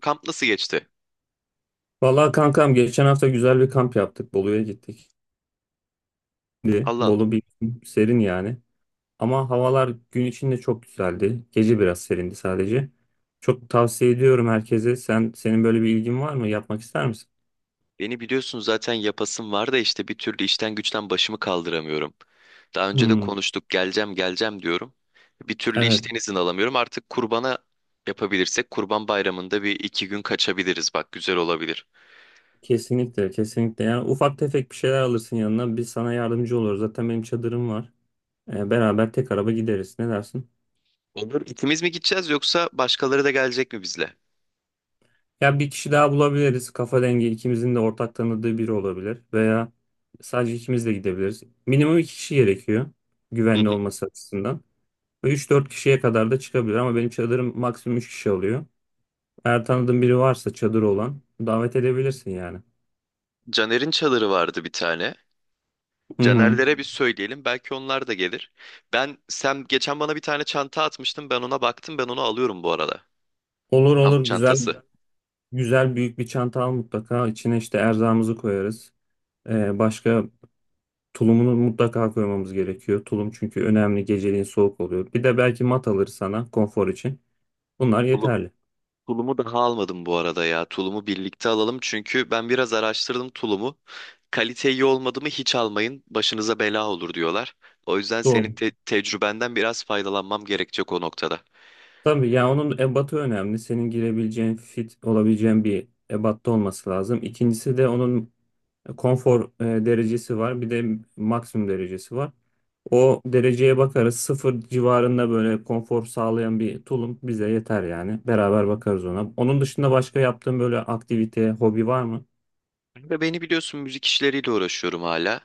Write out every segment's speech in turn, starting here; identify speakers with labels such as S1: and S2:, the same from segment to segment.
S1: Kamp nasıl geçti?
S2: Vallahi kankam, geçen hafta güzel bir kamp yaptık. Bolu'ya gittik. Şimdi
S1: Allah Allah.
S2: Bolu bir serin yani. Ama havalar gün içinde çok güzeldi. Gece biraz serindi sadece. Çok tavsiye ediyorum herkese. Senin böyle bir ilgin var mı? Yapmak ister misin?
S1: Beni biliyorsun zaten yapasım var da işte bir türlü işten güçten başımı kaldıramıyorum. Daha önce de
S2: Hmm,
S1: konuştuk, geleceğim geleceğim diyorum. Bir türlü
S2: evet,
S1: işten izin alamıyorum. Artık kurbana yapabilirsek kurban bayramında bir iki gün kaçabiliriz. Bak, güzel olabilir.
S2: kesinlikle kesinlikle. Yani ufak tefek bir şeyler alırsın yanına. Biz sana yardımcı oluruz. Zaten benim çadırım var. Beraber tek araba gideriz. Ne dersin?
S1: Olur. İkimiz mi gideceğiz, yoksa başkaları da gelecek mi bizle?
S2: Ya bir kişi daha bulabiliriz. Kafa dengi, ikimizin de ortak tanıdığı biri olabilir. Veya sadece ikimiz de gidebiliriz. Minimum iki kişi gerekiyor,
S1: Hı
S2: güvenli
S1: hı.
S2: olması açısından. Ve 3-4 kişiye kadar da çıkabilir ama benim çadırım maksimum 3 kişi alıyor. Eğer tanıdığın biri varsa, çadır olan, davet edebilirsin yani.
S1: Caner'in çadırı vardı bir tane.
S2: Hı hı.
S1: Caner'lere bir söyleyelim, belki onlar da gelir. Sen geçen bana bir tane çanta atmıştın. Ben ona baktım. Ben onu alıyorum bu arada.
S2: Olur
S1: Kamp
S2: olur, güzel
S1: çantası.
S2: güzel, büyük bir çanta al mutlaka. İçine işte erzağımızı koyarız. Başka tulumunu mutlaka koymamız gerekiyor. Tulum çünkü önemli, geceliğin soğuk oluyor. Bir de belki mat alır sana, konfor için. Bunlar
S1: Tulum-
S2: yeterli.
S1: Tulumu daha almadım bu arada ya. Tulumu birlikte alalım, çünkü ben biraz araştırdım tulumu. Kalite iyi olmadı mı hiç almayın, başınıza bela olur diyorlar. O yüzden senin
S2: Doğru.
S1: tecrübenden biraz faydalanmam gerekecek o noktada.
S2: Tabii ya, onun ebatı önemli. Senin girebileceğin, fit olabileceğin bir ebatta olması lazım. İkincisi de onun konfor derecesi var. Bir de maksimum derecesi var. O dereceye bakarız. Sıfır civarında böyle konfor sağlayan bir tulum bize yeter yani. Beraber bakarız ona. Onun dışında başka yaptığın böyle aktivite, hobi var mı?
S1: Ve beni biliyorsun, müzik işleriyle uğraşıyorum hala.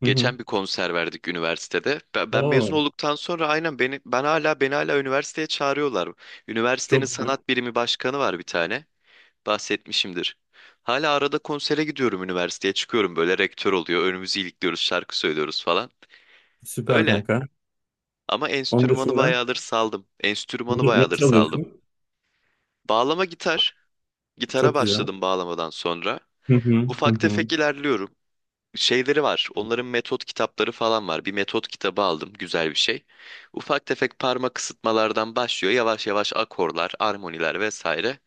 S2: Hı hı.
S1: Geçen bir konser verdik üniversitede. Ben mezun
S2: Oo,
S1: olduktan sonra, beni hala üniversiteye çağırıyorlar. Üniversitenin
S2: çok güzel.
S1: sanat birimi başkanı var bir tane, bahsetmişimdir. Hala arada konsere gidiyorum, üniversiteye çıkıyorum, böyle rektör oluyor, önümüzü ilikliyoruz, şarkı söylüyoruz falan.
S2: Süper
S1: Öyle.
S2: kanka.
S1: Ama
S2: Onun
S1: enstrümanı
S2: dışında
S1: bayağıdır saldım. Enstrümanı
S2: ne
S1: bayağıdır saldım.
S2: çalıyorsun?
S1: Bağlama, gitar. Gitara
S2: Çok güzel.
S1: başladım bağlamadan sonra.
S2: Hı hı, hı
S1: Ufak
S2: hı.
S1: tefek ilerliyorum. Şeyleri var, onların metot kitapları falan var. Bir metot kitabı aldım, güzel bir şey. Ufak tefek parmak ısıtmalardan başlıyor. Yavaş yavaş akorlar, armoniler vesaire.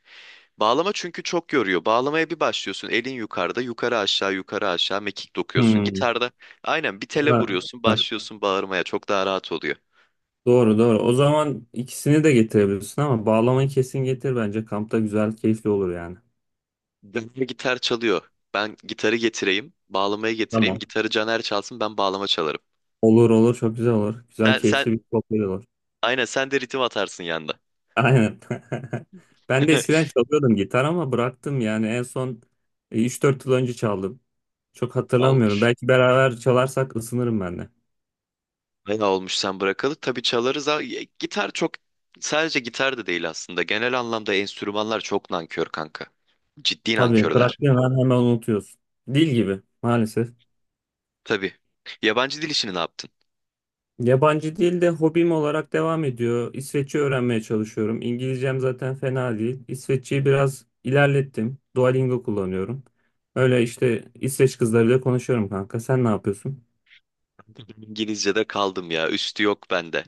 S1: Bağlama çünkü çok yoruyor. Bağlamaya bir başlıyorsun, elin yukarıda, yukarı aşağı, yukarı aşağı mekik dokuyorsun.
S2: Hı.
S1: Gitarda aynen bir
S2: Ha,
S1: tele vuruyorsun,
S2: bak,
S1: başlıyorsun bağırmaya. Çok daha rahat oluyor.
S2: doğru doğru. O zaman ikisini de getirebilirsin ama bağlamayı kesin getir bence. Kampta güzel, keyifli olur yani.
S1: Caner gitar çalıyor. Ben gitarı getireyim, bağlamayı getireyim.
S2: Tamam.
S1: Gitarı Caner çalsın, ben bağlama çalarım.
S2: Olur olur, çok güzel olur. Güzel,
S1: Sen, sen
S2: keyifli bir sohbet olur.
S1: aynen sen de ritim atarsın yanda.
S2: Aynen. Ben de eskiden çalıyordum gitar ama bıraktım yani. En son 3-4 yıl önce çaldım. Çok hatırlamıyorum.
S1: Olmuş.
S2: Belki beraber çalarsak ısınırım ben de.
S1: Bayağı olmuş sen bırakalı. Tabii çalarız, ha. Ya, Gitar çok sadece gitar da değil aslında. Genel anlamda enstrümanlar çok nankör, kanka. Ciddi
S2: Tabii,
S1: nankörler.
S2: bıraktığın an hemen unutuyorsun. Dil gibi maalesef.
S1: Tabii. Yabancı dil işini ne yaptın?
S2: Yabancı dil de hobim olarak devam ediyor. İsveççe öğrenmeye çalışıyorum. İngilizcem zaten fena değil. İsveççeyi biraz ilerlettim. Duolingo kullanıyorum. Öyle işte, İsveç kızlarıyla konuşuyorum kanka. Sen ne yapıyorsun?
S1: İngilizce'de kaldım ya, üstü yok bende.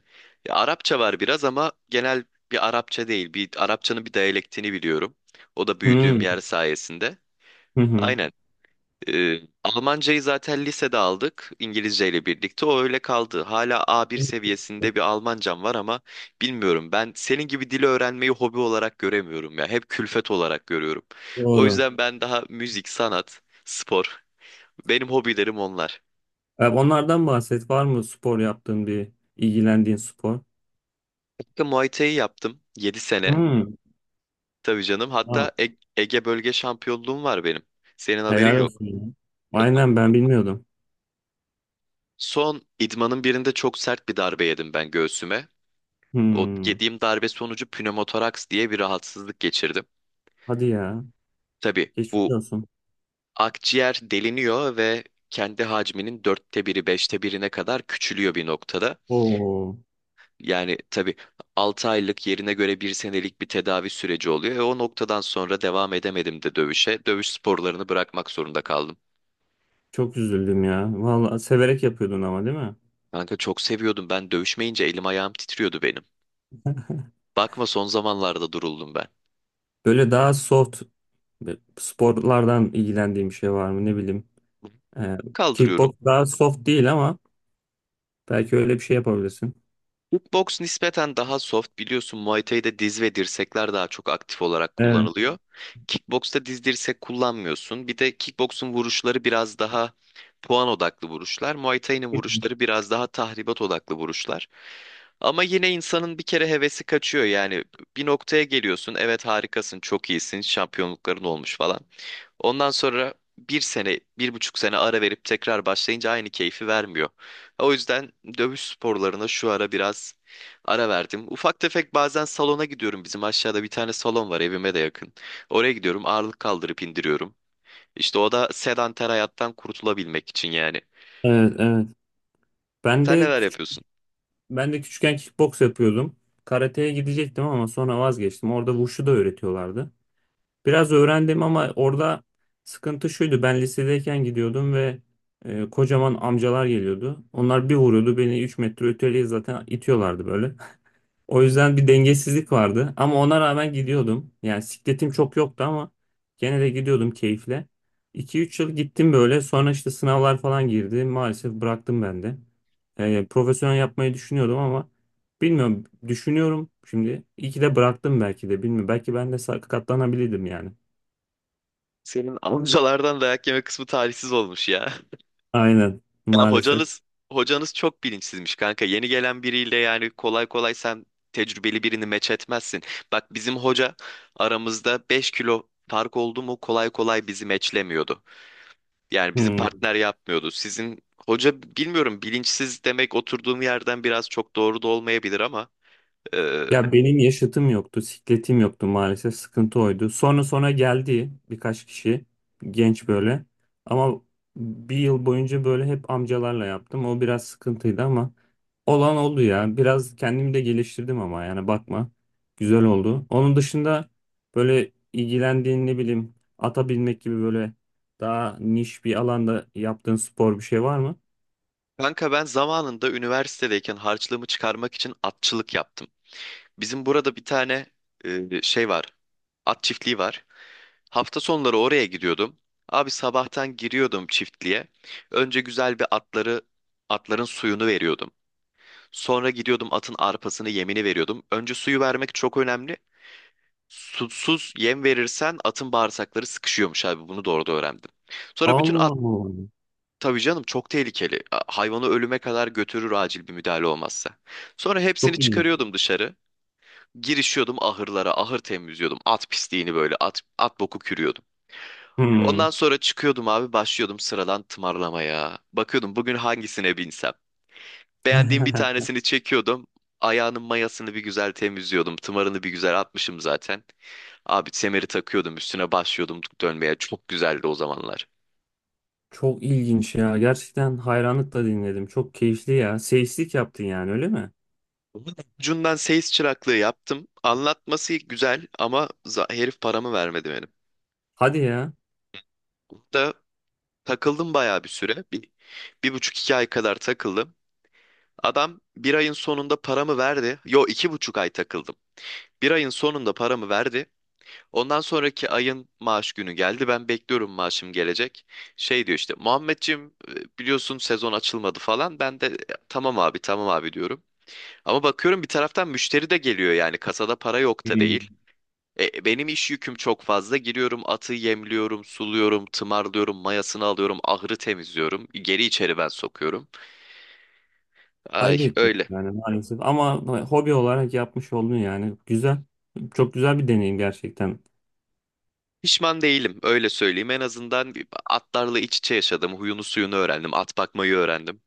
S1: Ya Arapça var biraz ama genel bir Arapça değil. Bir Arapçanın bir diyalektini biliyorum. O da büyüdüğüm
S2: Hmm,
S1: yer sayesinde.
S2: hı hı.
S1: Aynen. Almancayı zaten lisede aldık İngilizce ile birlikte. O öyle kaldı. Hala A1 seviyesinde bir Almancam var, ama bilmiyorum. Ben senin gibi dili öğrenmeyi hobi olarak göremiyorum ya, hep külfet olarak görüyorum. O
S2: Doğru.
S1: yüzden ben daha müzik, sanat, spor. Benim hobilerim onlar.
S2: E, onlardan bahset. Var mı spor yaptığın, bir ilgilendiğin spor?
S1: Kanka, Muay Thai yaptım 7 sene.
S2: Hmm.
S1: Tabii canım.
S2: Ha,
S1: Hatta Ege bölge şampiyonluğum var benim. Senin haberin
S2: helal
S1: yok.
S2: olsun ya.
S1: Elvan.
S2: Aynen, ben bilmiyordum.
S1: Son idmanın birinde çok sert bir darbe yedim ben göğsüme. O
S2: Hmm.
S1: yediğim darbe sonucu pnömotoraks diye bir rahatsızlık geçirdim.
S2: Hadi ya.
S1: Tabii
S2: Geçmiş
S1: bu,
S2: olsun.
S1: akciğer deliniyor ve kendi hacminin 1/4'i, 1/5'ine kadar küçülüyor bir noktada.
S2: Oo.
S1: Yani tabii 6 aylık, yerine göre bir senelik bir tedavi süreci oluyor. E, o noktadan sonra devam edemedim de dövüşe. Dövüş sporlarını bırakmak zorunda kaldım.
S2: Çok üzüldüm ya. Vallahi severek yapıyordun ama, değil mi?
S1: Kanka, çok seviyordum, ben dövüşmeyince elim ayağım titriyordu benim. Bakma, son zamanlarda duruldum ben.
S2: Böyle daha soft sporlardan, ilgilendiğim bir şey var mı, ne bileyim. Ee, Kickbox
S1: Kaldırıyorum.
S2: daha soft değil ama belki öyle bir şey yapabilirsin.
S1: Boks nispeten daha soft, biliyorsun. Muay Thai'de diz ve dirsekler daha çok aktif olarak
S2: Evet.
S1: kullanılıyor. Kickbox'ta diz dirsek kullanmıyorsun. Bir de kickbox'un vuruşları biraz daha puan odaklı vuruşlar. Muay Thai'nin vuruşları biraz daha tahribat odaklı vuruşlar. Ama yine insanın bir kere hevesi kaçıyor yani. Bir noktaya geliyorsun, evet harikasın, çok iyisin, şampiyonlukların olmuş falan. Ondan sonra bir sene, bir buçuk sene ara verip tekrar başlayınca aynı keyfi vermiyor. O yüzden dövüş sporlarına şu ara biraz ara verdim. Ufak tefek bazen salona gidiyorum. Bizim aşağıda bir tane salon var, evime de yakın. Oraya gidiyorum, ağırlık kaldırıp indiriyorum. İşte o da sedanter hayattan kurtulabilmek için yani.
S2: Evet, evet. Ben
S1: Sen
S2: de
S1: neler
S2: küçük,
S1: yapıyorsun?
S2: ben de küçükken kickbox yapıyordum. Karateye gidecektim ama sonra vazgeçtim. Orada wushu da öğretiyorlardı. Biraz öğrendim ama orada sıkıntı şuydu: ben lisedeyken gidiyordum ve kocaman amcalar geliyordu. Onlar bir vuruyordu, beni 3 metre öteye zaten itiyorlardı böyle. O yüzden bir dengesizlik vardı ama ona rağmen gidiyordum. Yani sikletim çok yoktu ama gene de gidiyordum keyifle. 2 üç yıl gittim böyle. Sonra işte sınavlar falan girdi. Maalesef bıraktım ben de. Profesyonel yapmayı düşünüyordum ama bilmiyorum, düşünüyorum şimdi. İyi ki de bıraktım belki de, bilmiyorum. Belki ben de sakatlanabilirdim yani.
S1: Senin amcalardan dayak yeme kısmı talihsiz olmuş ya.
S2: Aynen,
S1: Ya,
S2: maalesef.
S1: hocanız çok bilinçsizmiş, kanka. Yeni gelen biriyle yani kolay kolay sen tecrübeli birini meç etmezsin. Bak bizim hoca, aramızda 5 kilo fark oldu mu kolay kolay bizi meçlemiyordu. Yani bizi
S2: Hmm.
S1: partner yapmıyordu. Sizin hoca bilmiyorum, bilinçsiz demek oturduğum yerden biraz çok doğru da olmayabilir ama e,
S2: Ya benim yaşıtım yoktu, sikletim yoktu maalesef. Sıkıntı oydu. Sonra sonra geldi birkaç kişi, genç böyle. Ama bir yıl boyunca böyle hep amcalarla yaptım. O biraz sıkıntıydı ama olan oldu ya. Biraz kendimi de geliştirdim ama yani bakma. Güzel oldu. Onun dışında böyle ilgilendiğin, ne bileyim, ata binmek gibi böyle daha niş bir alanda yaptığın spor bir şey var mı?
S1: kanka ben zamanında üniversitedeyken harçlığımı çıkarmak için atçılık yaptım. Bizim burada bir tane şey var. At çiftliği var. Hafta sonları oraya gidiyordum. Abi, sabahtan giriyordum çiftliğe. Önce güzel atların suyunu veriyordum. Sonra gidiyordum, atın arpasını, yemini veriyordum. Önce suyu vermek çok önemli. Susuz yem verirsen atın bağırsakları sıkışıyormuş abi. Bunu doğru da öğrendim. Sonra bütün
S2: Allah
S1: at.
S2: Allah.
S1: Tabii canım, çok tehlikeli. Hayvanı ölüme kadar götürür acil bir müdahale olmazsa. Sonra hepsini
S2: Çok iyi.
S1: çıkarıyordum dışarı. Girişiyordum ahırlara, ahır temizliyordum. At pisliğini, böyle at boku kürüyordum. Ondan
S2: Hmm.
S1: sonra çıkıyordum abi, başlıyordum sıradan tımarlamaya. Bakıyordum bugün hangisine binsem. Beğendiğim bir tanesini çekiyordum. Ayağının mayasını bir güzel temizliyordum. Tımarını bir güzel atmışım zaten. Abi, semeri takıyordum üstüne, başlıyordum dönmeye. Çok güzeldi o zamanlar.
S2: Çok ilginç ya. Gerçekten hayranlıkla dinledim. Çok keyifli ya. Seyislik yaptın yani, öyle mi?
S1: Bunun ucundan seyis çıraklığı yaptım. Anlatması güzel ama herif paramı vermedi benim.
S2: Hadi ya.
S1: Da takıldım bayağı bir süre. Bir, bir buçuk, iki ay kadar takıldım. Adam bir ayın sonunda paramı verdi. Yo, 2,5 ay takıldım. Bir ayın sonunda paramı verdi. Ondan sonraki ayın maaş günü geldi. Ben bekliyorum, maaşım gelecek. Şey diyor işte, "Muhammedciğim, biliyorsun sezon açılmadı" falan. Ben de, "E, tamam abi, tamam abi" diyorum. Ama bakıyorum bir taraftan müşteri de geliyor, yani kasada para yok da
S2: Hmm.
S1: değil. Benim iş yüküm çok fazla. Giriyorum, atı yemliyorum, suluyorum, tımarlıyorum, mayasını alıyorum, ahırı temizliyorum. Geri içeri ben sokuyorum. Ay,
S2: Ayıp etmiş
S1: öyle.
S2: yani, maalesef. Ama hobi olarak yapmış oldun yani. Güzel. Çok güzel bir deneyim gerçekten.
S1: Pişman değilim, öyle söyleyeyim. En azından atlarla iç içe yaşadım. Huyunu suyunu öğrendim. At bakmayı öğrendim.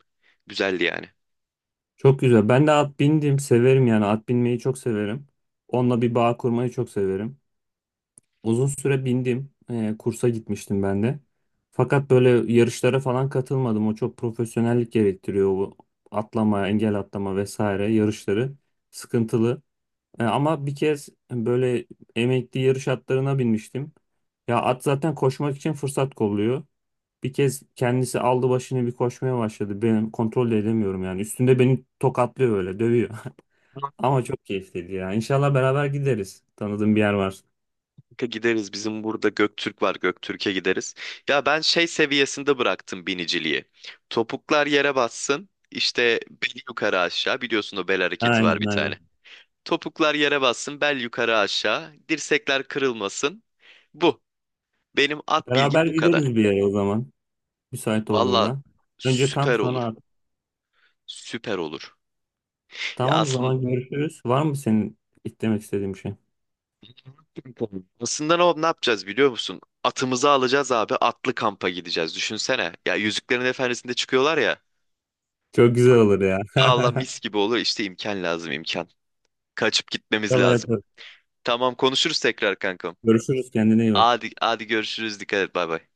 S1: Güzeldi yani.
S2: Çok güzel. Ben de at bindim. Severim yani. At binmeyi çok severim. Onunla bir bağ kurmayı çok severim. Uzun süre bindim. Kursa gitmiştim ben de. Fakat böyle yarışlara falan katılmadım. O çok profesyonellik gerektiriyor. O atlama, engel atlama vesaire yarışları sıkıntılı. Ama bir kez böyle emekli yarış atlarına binmiştim. Ya at zaten koşmak için fırsat kolluyor. Bir kez kendisi aldı başını, bir koşmaya başladı. Benim kontrol de edemiyorum yani. Üstünde beni tokatlıyor öyle, dövüyor. Ama çok keyifliydi ya. İnşallah beraber gideriz, tanıdığım bir yer var.
S1: Kanka gideriz. Bizim burada Göktürk var, Göktürk'e gideriz. Ya ben şey seviyesinde bıraktım biniciliği. Topuklar yere bassın, İşte bel yukarı aşağı, biliyorsun o bel hareketi var
S2: Aynen
S1: bir
S2: aynen.
S1: tane. Topuklar yere bassın, bel yukarı aşağı, dirsekler kırılmasın, bu. Benim at
S2: Beraber
S1: bilgim bu
S2: gideriz
S1: kadar.
S2: bir yere o zaman, müsait
S1: Valla
S2: olduğunda. Önce kamp,
S1: süper
S2: sonra
S1: olur,
S2: at.
S1: süper olur. Ya
S2: Tamam, o
S1: aslında
S2: zaman görüşürüz. Var mı senin demek istediğin bir şey?
S1: tamam. Aslında ne yapacağız biliyor musun? Atımızı alacağız abi. Atlı kampa gideceğiz. Düşünsene. Ya Yüzüklerin Efendisi'nde çıkıyorlar ya.
S2: Çok güzel olur ya.
S1: Allah, mis gibi olur. İşte imkan lazım, imkan. Kaçıp gitmemiz
S2: İnşallah
S1: lazım.
S2: yaparız.
S1: Tamam, konuşuruz tekrar kankam.
S2: Görüşürüz, kendine iyi bak.
S1: Hadi, hadi görüşürüz. Dikkat et. Bay bay.